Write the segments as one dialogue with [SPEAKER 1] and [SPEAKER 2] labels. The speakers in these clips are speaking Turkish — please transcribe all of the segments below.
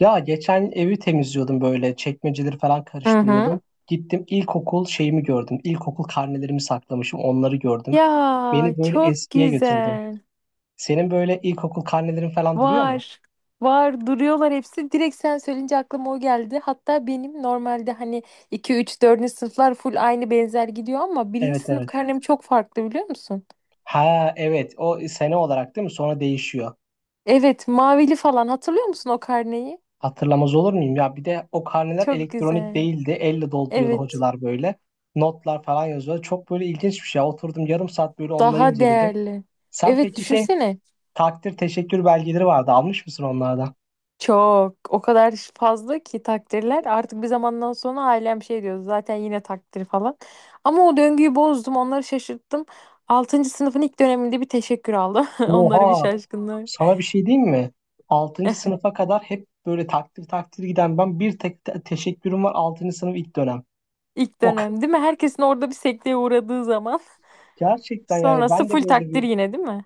[SPEAKER 1] Ya geçen evi temizliyordum böyle çekmeceleri falan
[SPEAKER 2] Hı
[SPEAKER 1] karıştırıyordum.
[SPEAKER 2] hı.
[SPEAKER 1] Gittim ilkokul şeyimi gördüm. İlkokul karnelerimi saklamışım onları gördüm.
[SPEAKER 2] Ya
[SPEAKER 1] Beni böyle
[SPEAKER 2] çok
[SPEAKER 1] eskiye götürdü.
[SPEAKER 2] güzel.
[SPEAKER 1] Senin böyle ilkokul karnelerin falan duruyor mu?
[SPEAKER 2] Var. Var duruyorlar hepsi. Direkt sen söyleyince aklıma o geldi. Hatta benim normalde hani 2, 3, dördüncü sınıflar full aynı benzer gidiyor ama birinci
[SPEAKER 1] Evet,
[SPEAKER 2] sınıf
[SPEAKER 1] evet.
[SPEAKER 2] karnem çok farklı biliyor musun?
[SPEAKER 1] Ha evet, o sene olarak değil mi? Sonra değişiyor.
[SPEAKER 2] Evet mavili falan hatırlıyor musun o karneyi?
[SPEAKER 1] Hatırlamaz olur muyum? Ya bir de o karneler
[SPEAKER 2] Çok
[SPEAKER 1] elektronik
[SPEAKER 2] güzel.
[SPEAKER 1] değildi. Elle dolduruyordu
[SPEAKER 2] Evet
[SPEAKER 1] hocalar böyle. Notlar falan yazıyordu. Çok böyle ilginç bir şey. Oturdum yarım saat böyle onları
[SPEAKER 2] daha
[SPEAKER 1] inceledim.
[SPEAKER 2] değerli.
[SPEAKER 1] Sen
[SPEAKER 2] Evet
[SPEAKER 1] peki şey.
[SPEAKER 2] düşünsene.
[SPEAKER 1] Takdir teşekkür belgeleri vardı. Almış mısın onlardan?
[SPEAKER 2] Çok. O kadar fazla ki takdirler. Artık bir zamandan sonra ailem şey diyor zaten yine takdir falan. Ama o döngüyü bozdum. Onları şaşırttım. Altıncı sınıfın ilk döneminde bir teşekkür aldım. Onları bir
[SPEAKER 1] Oha,
[SPEAKER 2] şaşkınlığı.
[SPEAKER 1] sana bir şey diyeyim mi? Altıncı sınıfa kadar hep böyle takdir giden ben bir tek teşekkürüm var altıncı sınıf ilk dönem.
[SPEAKER 2] İlk
[SPEAKER 1] O ka-
[SPEAKER 2] dönem değil mi? Herkesin orada bir sekteye uğradığı zaman.
[SPEAKER 1] gerçekten yani
[SPEAKER 2] Sonrası
[SPEAKER 1] ben de
[SPEAKER 2] full
[SPEAKER 1] böyle
[SPEAKER 2] takdir
[SPEAKER 1] bir.
[SPEAKER 2] yine değil mi?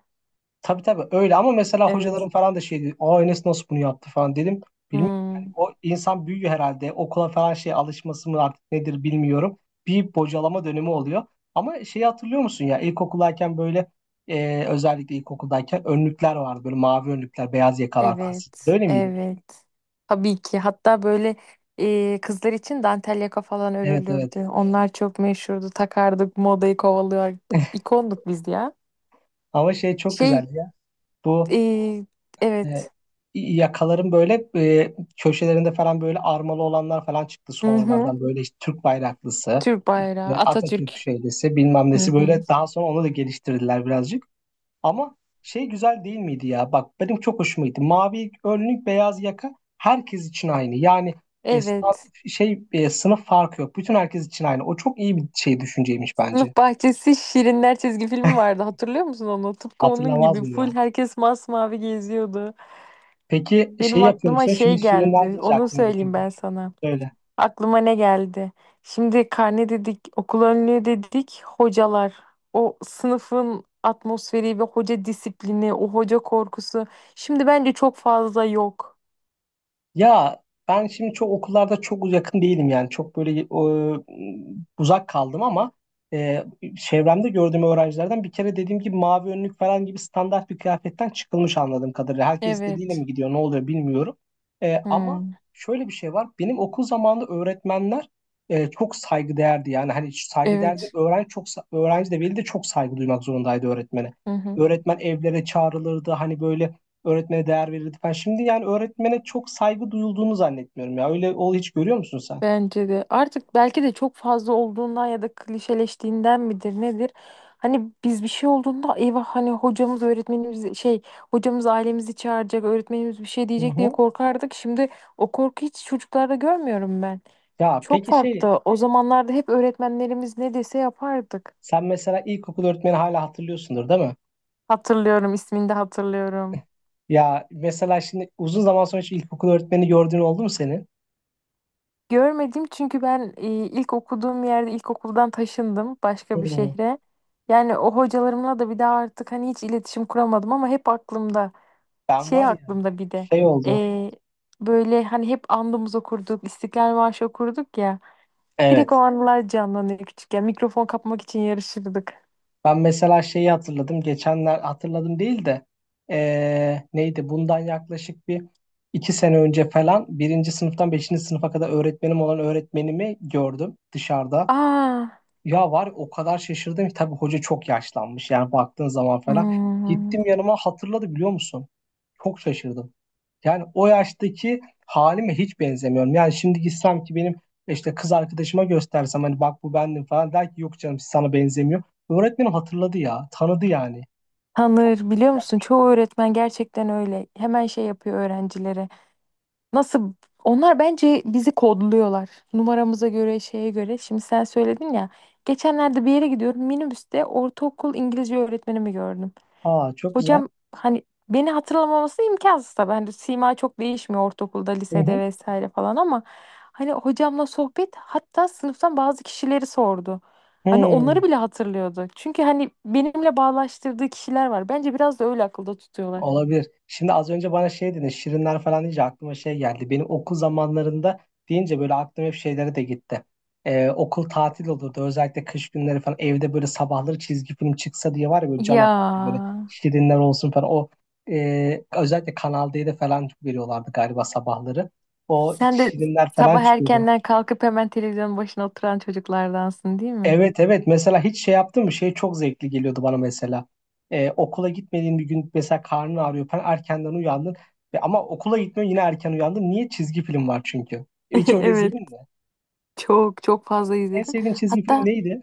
[SPEAKER 1] Tabii, öyle ama mesela hocalarım
[SPEAKER 2] Evet.
[SPEAKER 1] falan da şeydi. O Enes nasıl bunu yaptı falan dedim. Bilmiyorum yani
[SPEAKER 2] Hmm.
[SPEAKER 1] o insan büyüyor herhalde. Okula falan şey alışması mı artık nedir bilmiyorum. Bir bocalama dönemi oluyor. Ama şeyi hatırlıyor musun ya ilkokuldayken böyle özellikle ilkokuldayken önlükler vardı. Böyle mavi önlükler, beyaz yakalar falan.
[SPEAKER 2] Evet,
[SPEAKER 1] Böyle miydi?
[SPEAKER 2] evet. Tabii ki. Hatta böyle kızlar için dantel yaka falan
[SPEAKER 1] Evet, evet.
[SPEAKER 2] örülürdü. Onlar çok meşhurdu. Takardık, modayı kovalıyorduk. İkonduk biz ya.
[SPEAKER 1] Ama şey çok
[SPEAKER 2] Şey,
[SPEAKER 1] güzeldi ya. Bu
[SPEAKER 2] e,
[SPEAKER 1] e,
[SPEAKER 2] evet.
[SPEAKER 1] yakaların böyle köşelerinde falan böyle armalı olanlar falan çıktı
[SPEAKER 2] Hı hı.
[SPEAKER 1] sonralardan. Böyle işte Türk bayraklısı.
[SPEAKER 2] Türk bayrağı,
[SPEAKER 1] Atatürk
[SPEAKER 2] Atatürk.
[SPEAKER 1] şöylesi bilmem
[SPEAKER 2] Hı
[SPEAKER 1] nesi
[SPEAKER 2] hı.
[SPEAKER 1] böyle daha sonra onu da geliştirdiler birazcık. Ama şey güzel değil miydi ya? Bak benim çok hoşuma gitti. Mavi önlük beyaz yaka herkes için aynı. Yani e, sta-
[SPEAKER 2] Evet.
[SPEAKER 1] sınıf farkı yok. Bütün herkes için aynı. O çok iyi bir şey düşünceymiş bence.
[SPEAKER 2] Sınıf bahçesi Şirinler çizgi filmi vardı. Hatırlıyor musun onu? Tıpkı onun
[SPEAKER 1] Hatırlamaz
[SPEAKER 2] gibi
[SPEAKER 1] mı ya?
[SPEAKER 2] full herkes masmavi geziyordu.
[SPEAKER 1] Peki şey
[SPEAKER 2] Benim
[SPEAKER 1] yapıyor
[SPEAKER 2] aklıma
[SPEAKER 1] musun?
[SPEAKER 2] şey
[SPEAKER 1] Şimdi şirinler
[SPEAKER 2] geldi.
[SPEAKER 1] deyince
[SPEAKER 2] Onu
[SPEAKER 1] aklıma
[SPEAKER 2] söyleyeyim
[SPEAKER 1] getirdim.
[SPEAKER 2] ben sana.
[SPEAKER 1] Söyle.
[SPEAKER 2] Aklıma ne geldi? Şimdi karne dedik, okul önlüğü dedik, hocalar. O sınıfın atmosferi ve hoca disiplini, o hoca korkusu. Şimdi bence çok fazla yok.
[SPEAKER 1] Ya ben şimdi çok okullarda çok yakın değilim yani çok böyle uzak kaldım ama e, çevremde gördüğüm öğrencilerden bir kere dediğim gibi mavi önlük falan gibi standart bir kıyafetten çıkılmış anladığım kadarıyla. Herkes istediğiyle
[SPEAKER 2] Evet.
[SPEAKER 1] mi gidiyor ne oluyor bilmiyorum. Ama
[SPEAKER 2] Hmm.
[SPEAKER 1] şöyle bir şey var benim okul zamanında öğretmenler çok saygıdeğerdi yani hani saygıdeğerdi
[SPEAKER 2] Evet.
[SPEAKER 1] öğrenci öğrenci de veli de çok saygı duymak zorundaydı öğretmene.
[SPEAKER 2] Hı hı.
[SPEAKER 1] Öğretmen evlere çağrılırdı hani böyle. Öğretmene değer verirdi falan. Şimdi yani öğretmene çok saygı duyulduğunu zannetmiyorum ya. Öyle ol hiç görüyor musun sen?
[SPEAKER 2] Bence de. Artık belki de çok fazla olduğundan ya da klişeleştiğinden midir nedir? Hani biz bir şey olduğunda eyvah hani hocamız öğretmenimiz şey hocamız ailemizi çağıracak öğretmenimiz bir şey
[SPEAKER 1] Hı
[SPEAKER 2] diyecek diye
[SPEAKER 1] hı.
[SPEAKER 2] korkardık. Şimdi o korku hiç çocuklarda görmüyorum ben.
[SPEAKER 1] Ya
[SPEAKER 2] Çok
[SPEAKER 1] peki şey,
[SPEAKER 2] farklı. O zamanlarda hep öğretmenlerimiz ne dese yapardık.
[SPEAKER 1] sen mesela ilkokul öğretmeni hala hatırlıyorsundur değil mi?
[SPEAKER 2] Hatırlıyorum, ismini de hatırlıyorum.
[SPEAKER 1] Ya mesela şimdi uzun zaman sonra hiç ilkokul öğretmeni gördüğün oldu mu senin?
[SPEAKER 2] Görmedim çünkü ben ilk okuduğum yerde ilkokuldan taşındım başka bir
[SPEAKER 1] Hı.
[SPEAKER 2] şehre. Yani o hocalarımla da bir daha artık hani hiç iletişim kuramadım ama hep aklımda.
[SPEAKER 1] Ben
[SPEAKER 2] Şey
[SPEAKER 1] var ya
[SPEAKER 2] aklımda bir de
[SPEAKER 1] şey oldu.
[SPEAKER 2] e, böyle hani hep andımız okurduk, İstiklal Marşı okurduk ya. Direkt
[SPEAKER 1] Evet.
[SPEAKER 2] o anılar canlanıyor küçükken. Mikrofon kapmak için yarışırdık.
[SPEAKER 1] Ben mesela şeyi hatırladım. Geçenler hatırladım değil de neydi? Bundan yaklaşık bir iki sene önce falan birinci sınıftan beşinci sınıfa kadar öğretmenim olan öğretmenimi gördüm dışarıda.
[SPEAKER 2] Aa,
[SPEAKER 1] Ya var ya, o kadar şaşırdım ki tabii hoca çok yaşlanmış yani baktığın zaman falan.
[SPEAKER 2] hmm.
[SPEAKER 1] Gittim yanıma hatırladı biliyor musun? Çok şaşırdım. Yani o yaştaki halime hiç benzemiyorum. Yani şimdi gitsem ki benim işte kız arkadaşıma göstersem hani bak bu bendim falan der ki yok canım sana benzemiyor. Öğretmenim hatırladı ya tanıdı yani.
[SPEAKER 2] Tanır
[SPEAKER 1] İlginç
[SPEAKER 2] biliyor musun? Çoğu
[SPEAKER 1] gelmişti.
[SPEAKER 2] öğretmen gerçekten öyle. Hemen şey yapıyor öğrencilere. Nasıl? Onlar bence bizi kodluyorlar. Numaramıza göre, şeye göre. Şimdi sen söyledin ya. Geçenlerde bir yere gidiyorum. Minibüste ortaokul İngilizce öğretmenimi gördüm.
[SPEAKER 1] Aa, çok güzel.
[SPEAKER 2] Hocam hani beni hatırlamaması imkansız tabii. Hani sima çok değişmiyor ortaokulda,
[SPEAKER 1] Hı
[SPEAKER 2] lisede
[SPEAKER 1] hı.
[SPEAKER 2] vesaire falan ama hani hocamla sohbet hatta sınıftan bazı kişileri sordu. Hani onları
[SPEAKER 1] Hı.
[SPEAKER 2] bile hatırlıyordu. Çünkü hani benimle bağlaştırdığı kişiler var. Bence biraz da öyle akılda tutuyorlar.
[SPEAKER 1] Olabilir. Şimdi az önce bana şey dedin, şirinler falan deyince aklıma şey geldi. Benim okul zamanlarında deyince böyle aklım hep şeylere de gitti. Okul tatil olurdu. Özellikle kış günleri falan evde böyle sabahları çizgi film çıksa diye var ya böyle can
[SPEAKER 2] Ya
[SPEAKER 1] atardım. Böyle şirinler olsun falan. O özellikle Kanal D'de falan veriyorlardı galiba sabahları. O
[SPEAKER 2] sen de
[SPEAKER 1] şirinler falan
[SPEAKER 2] sabah
[SPEAKER 1] çıkıyordu.
[SPEAKER 2] erkenden kalkıp hemen televizyonun başına oturan çocuklardansın değil mi?
[SPEAKER 1] Evet, evet, mesela hiç şey yaptın mı şey çok zevkli geliyordu bana mesela. Okula gitmediğin bir gün mesela karnın ağrıyor falan erkenden uyandın ve ama okula gitmiyorsun yine erken uyandın niye çizgi film var çünkü hiç öyle
[SPEAKER 2] Evet,
[SPEAKER 1] izledin mi
[SPEAKER 2] çok çok fazla
[SPEAKER 1] en
[SPEAKER 2] izledim.
[SPEAKER 1] sevdiğin çizgi film
[SPEAKER 2] Hatta
[SPEAKER 1] neydi?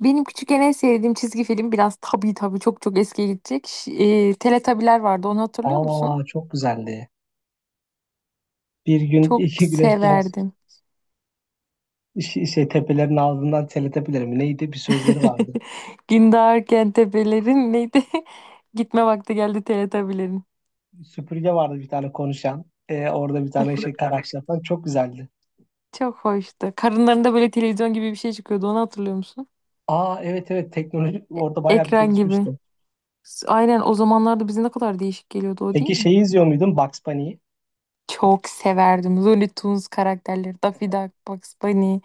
[SPEAKER 2] benim küçükken en sevdiğim çizgi film biraz tabii tabii çok çok eskiye gidecek. Teletabiler vardı onu hatırlıyor musun?
[SPEAKER 1] Aa, çok güzeldi, bir gün
[SPEAKER 2] Çok
[SPEAKER 1] iki güneş doğar.
[SPEAKER 2] severdim.
[SPEAKER 1] Şey, şey tepelerin ağzından teletepeleri mi neydi bir sözleri vardı.
[SPEAKER 2] Gündoğar Kentepe'lerin neydi? Gitme vakti geldi Teletabilerin.
[SPEAKER 1] Süpürge vardı bir tane konuşan. Orada bir tane şey karakter falan çok güzeldi.
[SPEAKER 2] Çok hoştu. Karınlarında böyle televizyon gibi bir şey çıkıyordu onu hatırlıyor musun?
[SPEAKER 1] Aa, evet, evet, teknoloji
[SPEAKER 2] E-
[SPEAKER 1] orada bayağı bir
[SPEAKER 2] Ekran gibi.
[SPEAKER 1] gelişmişti.
[SPEAKER 2] Aynen o zamanlarda bize ne kadar değişik geliyordu o değil
[SPEAKER 1] Peki
[SPEAKER 2] mi?
[SPEAKER 1] şeyi izliyor muydun Bugs Bunny'yi?
[SPEAKER 2] Çok severdim. Looney Tunes karakterleri, Daffy Duck, Bugs Bunny.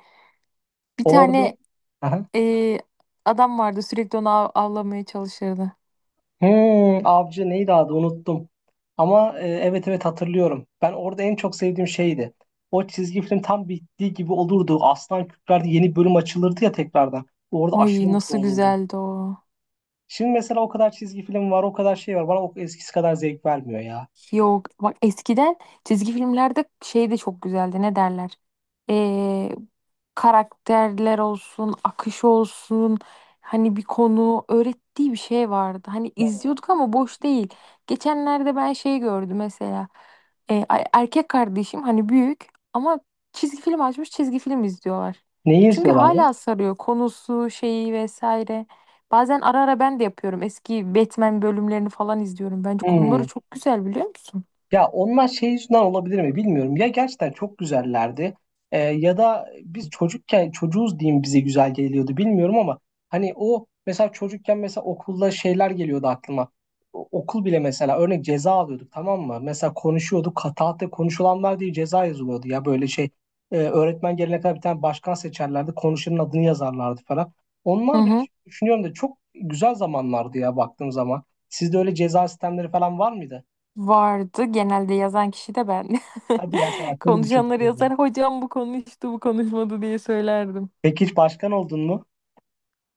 [SPEAKER 2] Bir
[SPEAKER 1] Orada.
[SPEAKER 2] tane
[SPEAKER 1] Aha.
[SPEAKER 2] Ee, adam vardı sürekli onu avlamaya çalışırdı.
[SPEAKER 1] Hmm, avcı neydi adı unuttum. Ama evet, evet, hatırlıyorum. Ben orada en çok sevdiğim şeydi. O çizgi film tam bittiği gibi olurdu. Aslan kükrerdi yeni bölüm açılırdı ya tekrardan. Orada aşırı
[SPEAKER 2] Ay
[SPEAKER 1] mutlu
[SPEAKER 2] nasıl
[SPEAKER 1] olurdum.
[SPEAKER 2] güzeldi o.
[SPEAKER 1] Şimdi mesela o kadar çizgi film var o kadar şey var. Bana o eskisi kadar zevk vermiyor ya.
[SPEAKER 2] Yok bak eskiden çizgi filmlerde şey de çok güzeldi ne derler Ee, karakterler olsun akış olsun hani bir konu öğrettiği bir şey vardı hani
[SPEAKER 1] Hmm.
[SPEAKER 2] izliyorduk ama boş değil geçenlerde ben şey gördüm mesela erkek kardeşim hani büyük ama çizgi film açmış çizgi film izliyorlar
[SPEAKER 1] Neyi
[SPEAKER 2] çünkü
[SPEAKER 1] izliyorlardı?
[SPEAKER 2] hala sarıyor konusu şeyi vesaire Bazen ara ara ben de yapıyorum. Eski Batman bölümlerini falan izliyorum. Bence konuları
[SPEAKER 1] Hmm.
[SPEAKER 2] çok güzel biliyor musun?
[SPEAKER 1] Ya onlar şey yüzünden olabilir mi bilmiyorum. Ya gerçekten çok güzellerdi ya da biz çocukken çocuğuz diyeyim bize güzel geliyordu bilmiyorum ama hani o mesela çocukken mesela okulda şeyler geliyordu aklıma. Okul bile mesela örnek ceza alıyorduk tamam mı? Mesela konuşuyorduk kataate konuşulanlar diye ceza yazılıyordu ya böyle şey. Öğretmen gelene kadar bir tane başkan seçerlerdi konuşanın adını yazarlardı falan.
[SPEAKER 2] Hı
[SPEAKER 1] Onlar bile
[SPEAKER 2] hı.
[SPEAKER 1] düşünüyorum da çok güzel zamanlardı ya baktığım zaman. Sizde öyle ceza sistemleri falan var mıydı?
[SPEAKER 2] Vardı. Genelde yazan kişi de ben.
[SPEAKER 1] Hadi ya, sen akıllı bir çocuk
[SPEAKER 2] Konuşanları
[SPEAKER 1] o zaman.
[SPEAKER 2] yazar. Hocam bu konuştu, bu konuşmadı diye söylerdim.
[SPEAKER 1] Peki hiç başkan oldun mu?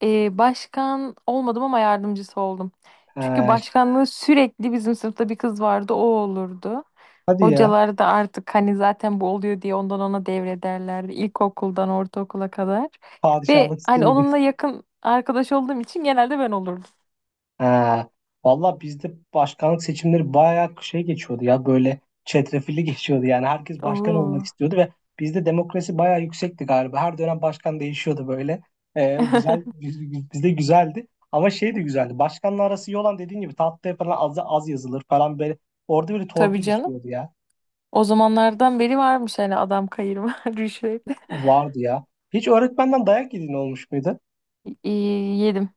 [SPEAKER 2] Başkan olmadım ama yardımcısı oldum. Çünkü
[SPEAKER 1] Ha,
[SPEAKER 2] başkanlığı sürekli bizim sınıfta bir kız vardı, o olurdu.
[SPEAKER 1] hadi ya.
[SPEAKER 2] Hocalar da artık hani zaten bu oluyor diye ondan ona devrederlerdi ilkokuldan ortaokula kadar. Ve
[SPEAKER 1] Padişahlık
[SPEAKER 2] hani
[SPEAKER 1] sistemi gibi.
[SPEAKER 2] onunla yakın arkadaş olduğum için genelde ben olurdum.
[SPEAKER 1] Ha, valla bizde başkanlık seçimleri bayağı şey geçiyordu ya böyle çetrefilli geçiyordu yani herkes başkan
[SPEAKER 2] Oo.
[SPEAKER 1] olmak istiyordu ve bizde demokrasi bayağı yüksekti galiba. Her dönem başkan değişiyordu böyle. Güzel bizde güzeldi. Ama şey de güzeldi. Başkanla arası iyi olan dediğin gibi tatlıya falan az, az yazılır falan böyle. Orada böyle
[SPEAKER 2] Tabii
[SPEAKER 1] torpil
[SPEAKER 2] canım.
[SPEAKER 1] işliyordu ya.
[SPEAKER 2] O zamanlardan beri varmış hani adam kayırma rüşvet.
[SPEAKER 1] Vardı ya. Hiç öğretmenden dayak yediğin olmuş muydu?
[SPEAKER 2] Yedim.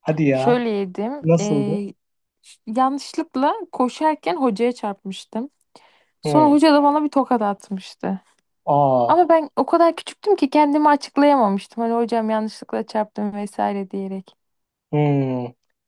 [SPEAKER 1] Hadi ya.
[SPEAKER 2] Şöyle yedim.
[SPEAKER 1] Nasıldı?
[SPEAKER 2] Yanlışlıkla koşarken hocaya çarpmıştım. Sonra
[SPEAKER 1] Hı.
[SPEAKER 2] hoca da bana bir tokat atmıştı.
[SPEAKER 1] Aa.
[SPEAKER 2] Ama ben o kadar küçüktüm ki kendimi açıklayamamıştım. Hani hocam yanlışlıkla çarptım vesaire diyerek.
[SPEAKER 1] Hı.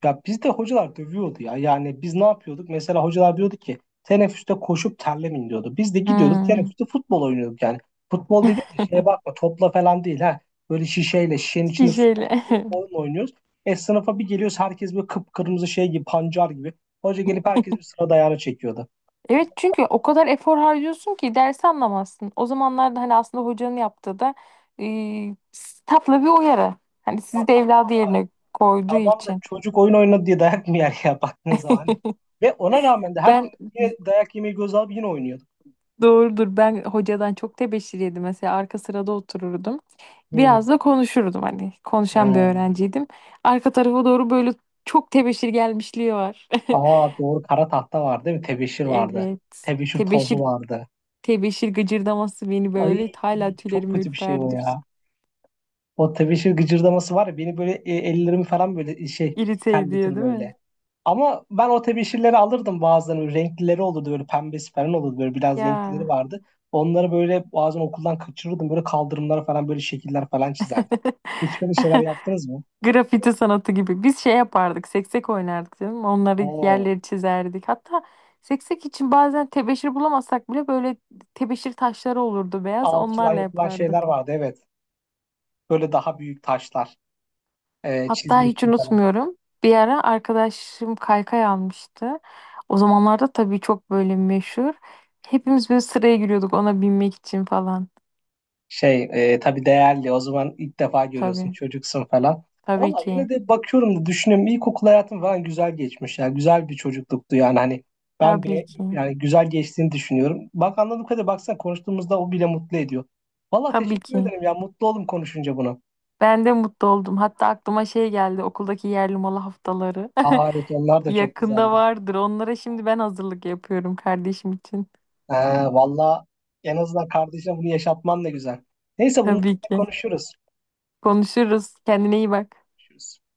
[SPEAKER 1] Ya bizde hocalar dövüyordu ya. Yani biz ne yapıyorduk? Mesela hocalar diyordu ki teneffüste koşup terlemin diyordu. Biz de gidiyorduk
[SPEAKER 2] Hmm.
[SPEAKER 1] teneffüste futbol oynuyorduk yani. Futbol dediğim de şeye bakma topla falan değil ha. Böyle şişeyle şişenin içinde su
[SPEAKER 2] Şişeyle.
[SPEAKER 1] falan koyup oyun oynuyoruz. E sınıfa bir geliyoruz herkes böyle kıpkırmızı şey gibi pancar gibi. Hoca gelip herkes bir sıra dayağını çekiyordu.
[SPEAKER 2] Evet çünkü o kadar efor harcıyorsun ki dersi anlamazsın. O zamanlarda hani aslında hocanın yaptığı da e, tatlı bir uyarı. Hani
[SPEAKER 1] Ya
[SPEAKER 2] sizi de
[SPEAKER 1] tamam
[SPEAKER 2] evladı
[SPEAKER 1] da
[SPEAKER 2] yerine koyduğu
[SPEAKER 1] tamam da
[SPEAKER 2] için.
[SPEAKER 1] çocuk oyun oynadı diye dayak mı yer ya baktığınız zaman. Hani. Ve ona rağmen de her.
[SPEAKER 2] Ben
[SPEAKER 1] Yine dayak yemeyi göz alıp yine oynuyor.
[SPEAKER 2] doğrudur ben hocadan çok tebeşir yedim. Mesela arka sırada otururdum.
[SPEAKER 1] Hmm.
[SPEAKER 2] Biraz da konuşurdum hani. Konuşan bir
[SPEAKER 1] Hmm.
[SPEAKER 2] öğrenciydim. Arka tarafa doğru böyle çok tebeşir gelmişliği var.
[SPEAKER 1] Aa doğru, kara tahta vardı değil mi? Tebeşir vardı.
[SPEAKER 2] Evet.
[SPEAKER 1] Tebeşir tozu
[SPEAKER 2] Tebeşir
[SPEAKER 1] vardı.
[SPEAKER 2] tebeşir gıcırdaması beni
[SPEAKER 1] Ay,
[SPEAKER 2] böyle hala
[SPEAKER 1] çok
[SPEAKER 2] tüylerim
[SPEAKER 1] kötü bir şey o
[SPEAKER 2] ürperdir.
[SPEAKER 1] ya. O tebeşir gıcırdaması var ya beni böyle ellerimi falan böyle şey
[SPEAKER 2] İrite ediyor
[SPEAKER 1] terletir
[SPEAKER 2] değil mi?
[SPEAKER 1] böyle. Ama ben o tebeşirleri alırdım bazen. Böyle renklileri olurdu böyle pembesi falan olurdu böyle biraz renklileri
[SPEAKER 2] Ya.
[SPEAKER 1] vardı. Onları böyle bazen okuldan kaçırırdım. Böyle kaldırımlara falan böyle şekiller falan çizerdim. Hiç böyle şeyler yaptınız mı?
[SPEAKER 2] Grafiti sanatı gibi. Biz şey yapardık, seksek oynardık değil mi? Onları
[SPEAKER 1] Hmm.
[SPEAKER 2] yerleri çizerdik. Hatta seksek için bazen tebeşir bulamazsak bile böyle tebeşir taşları olurdu beyaz.
[SPEAKER 1] Alçıdan
[SPEAKER 2] Onlarla
[SPEAKER 1] yapılan şeyler
[SPEAKER 2] yapardık.
[SPEAKER 1] vardı evet. Böyle daha büyük taşlar.
[SPEAKER 2] Hatta
[SPEAKER 1] Çizmek
[SPEAKER 2] hiç
[SPEAKER 1] için falan.
[SPEAKER 2] unutmuyorum. Bir ara arkadaşım kaykay almıştı. O zamanlarda tabii çok böyle meşhur. Hepimiz böyle sıraya giriyorduk ona binmek için falan.
[SPEAKER 1] Şey tabii değerli o zaman ilk defa görüyorsun
[SPEAKER 2] Tabii.
[SPEAKER 1] çocuksun falan.
[SPEAKER 2] Tabii
[SPEAKER 1] Valla
[SPEAKER 2] ki.
[SPEAKER 1] yine de bakıyorum da düşünüyorum ilkokul hayatım falan güzel geçmiş. Yani güzel bir çocukluktu yani hani ben
[SPEAKER 2] Tabii ki.
[SPEAKER 1] yani güzel geçtiğini düşünüyorum. Bak anladığım kadarıyla baksana konuştuğumuzda o bile mutlu ediyor. Valla
[SPEAKER 2] Tabii
[SPEAKER 1] teşekkür
[SPEAKER 2] ki.
[SPEAKER 1] ederim ya mutlu oldum konuşunca bunu.
[SPEAKER 2] Ben de mutlu oldum. Hatta aklıma şey geldi okuldaki yerli malı haftaları.
[SPEAKER 1] Aa, evet onlar da çok
[SPEAKER 2] Yakında
[SPEAKER 1] güzeldi.
[SPEAKER 2] vardır. Onlara şimdi ben hazırlık yapıyorum kardeşim için.
[SPEAKER 1] Ha, valla en azından kardeşine bunu yaşatman da güzel. Neyse bunları
[SPEAKER 2] Tabii ki.
[SPEAKER 1] konuşuruz.
[SPEAKER 2] Konuşuruz. Kendine iyi bak.
[SPEAKER 1] Konuşuruz.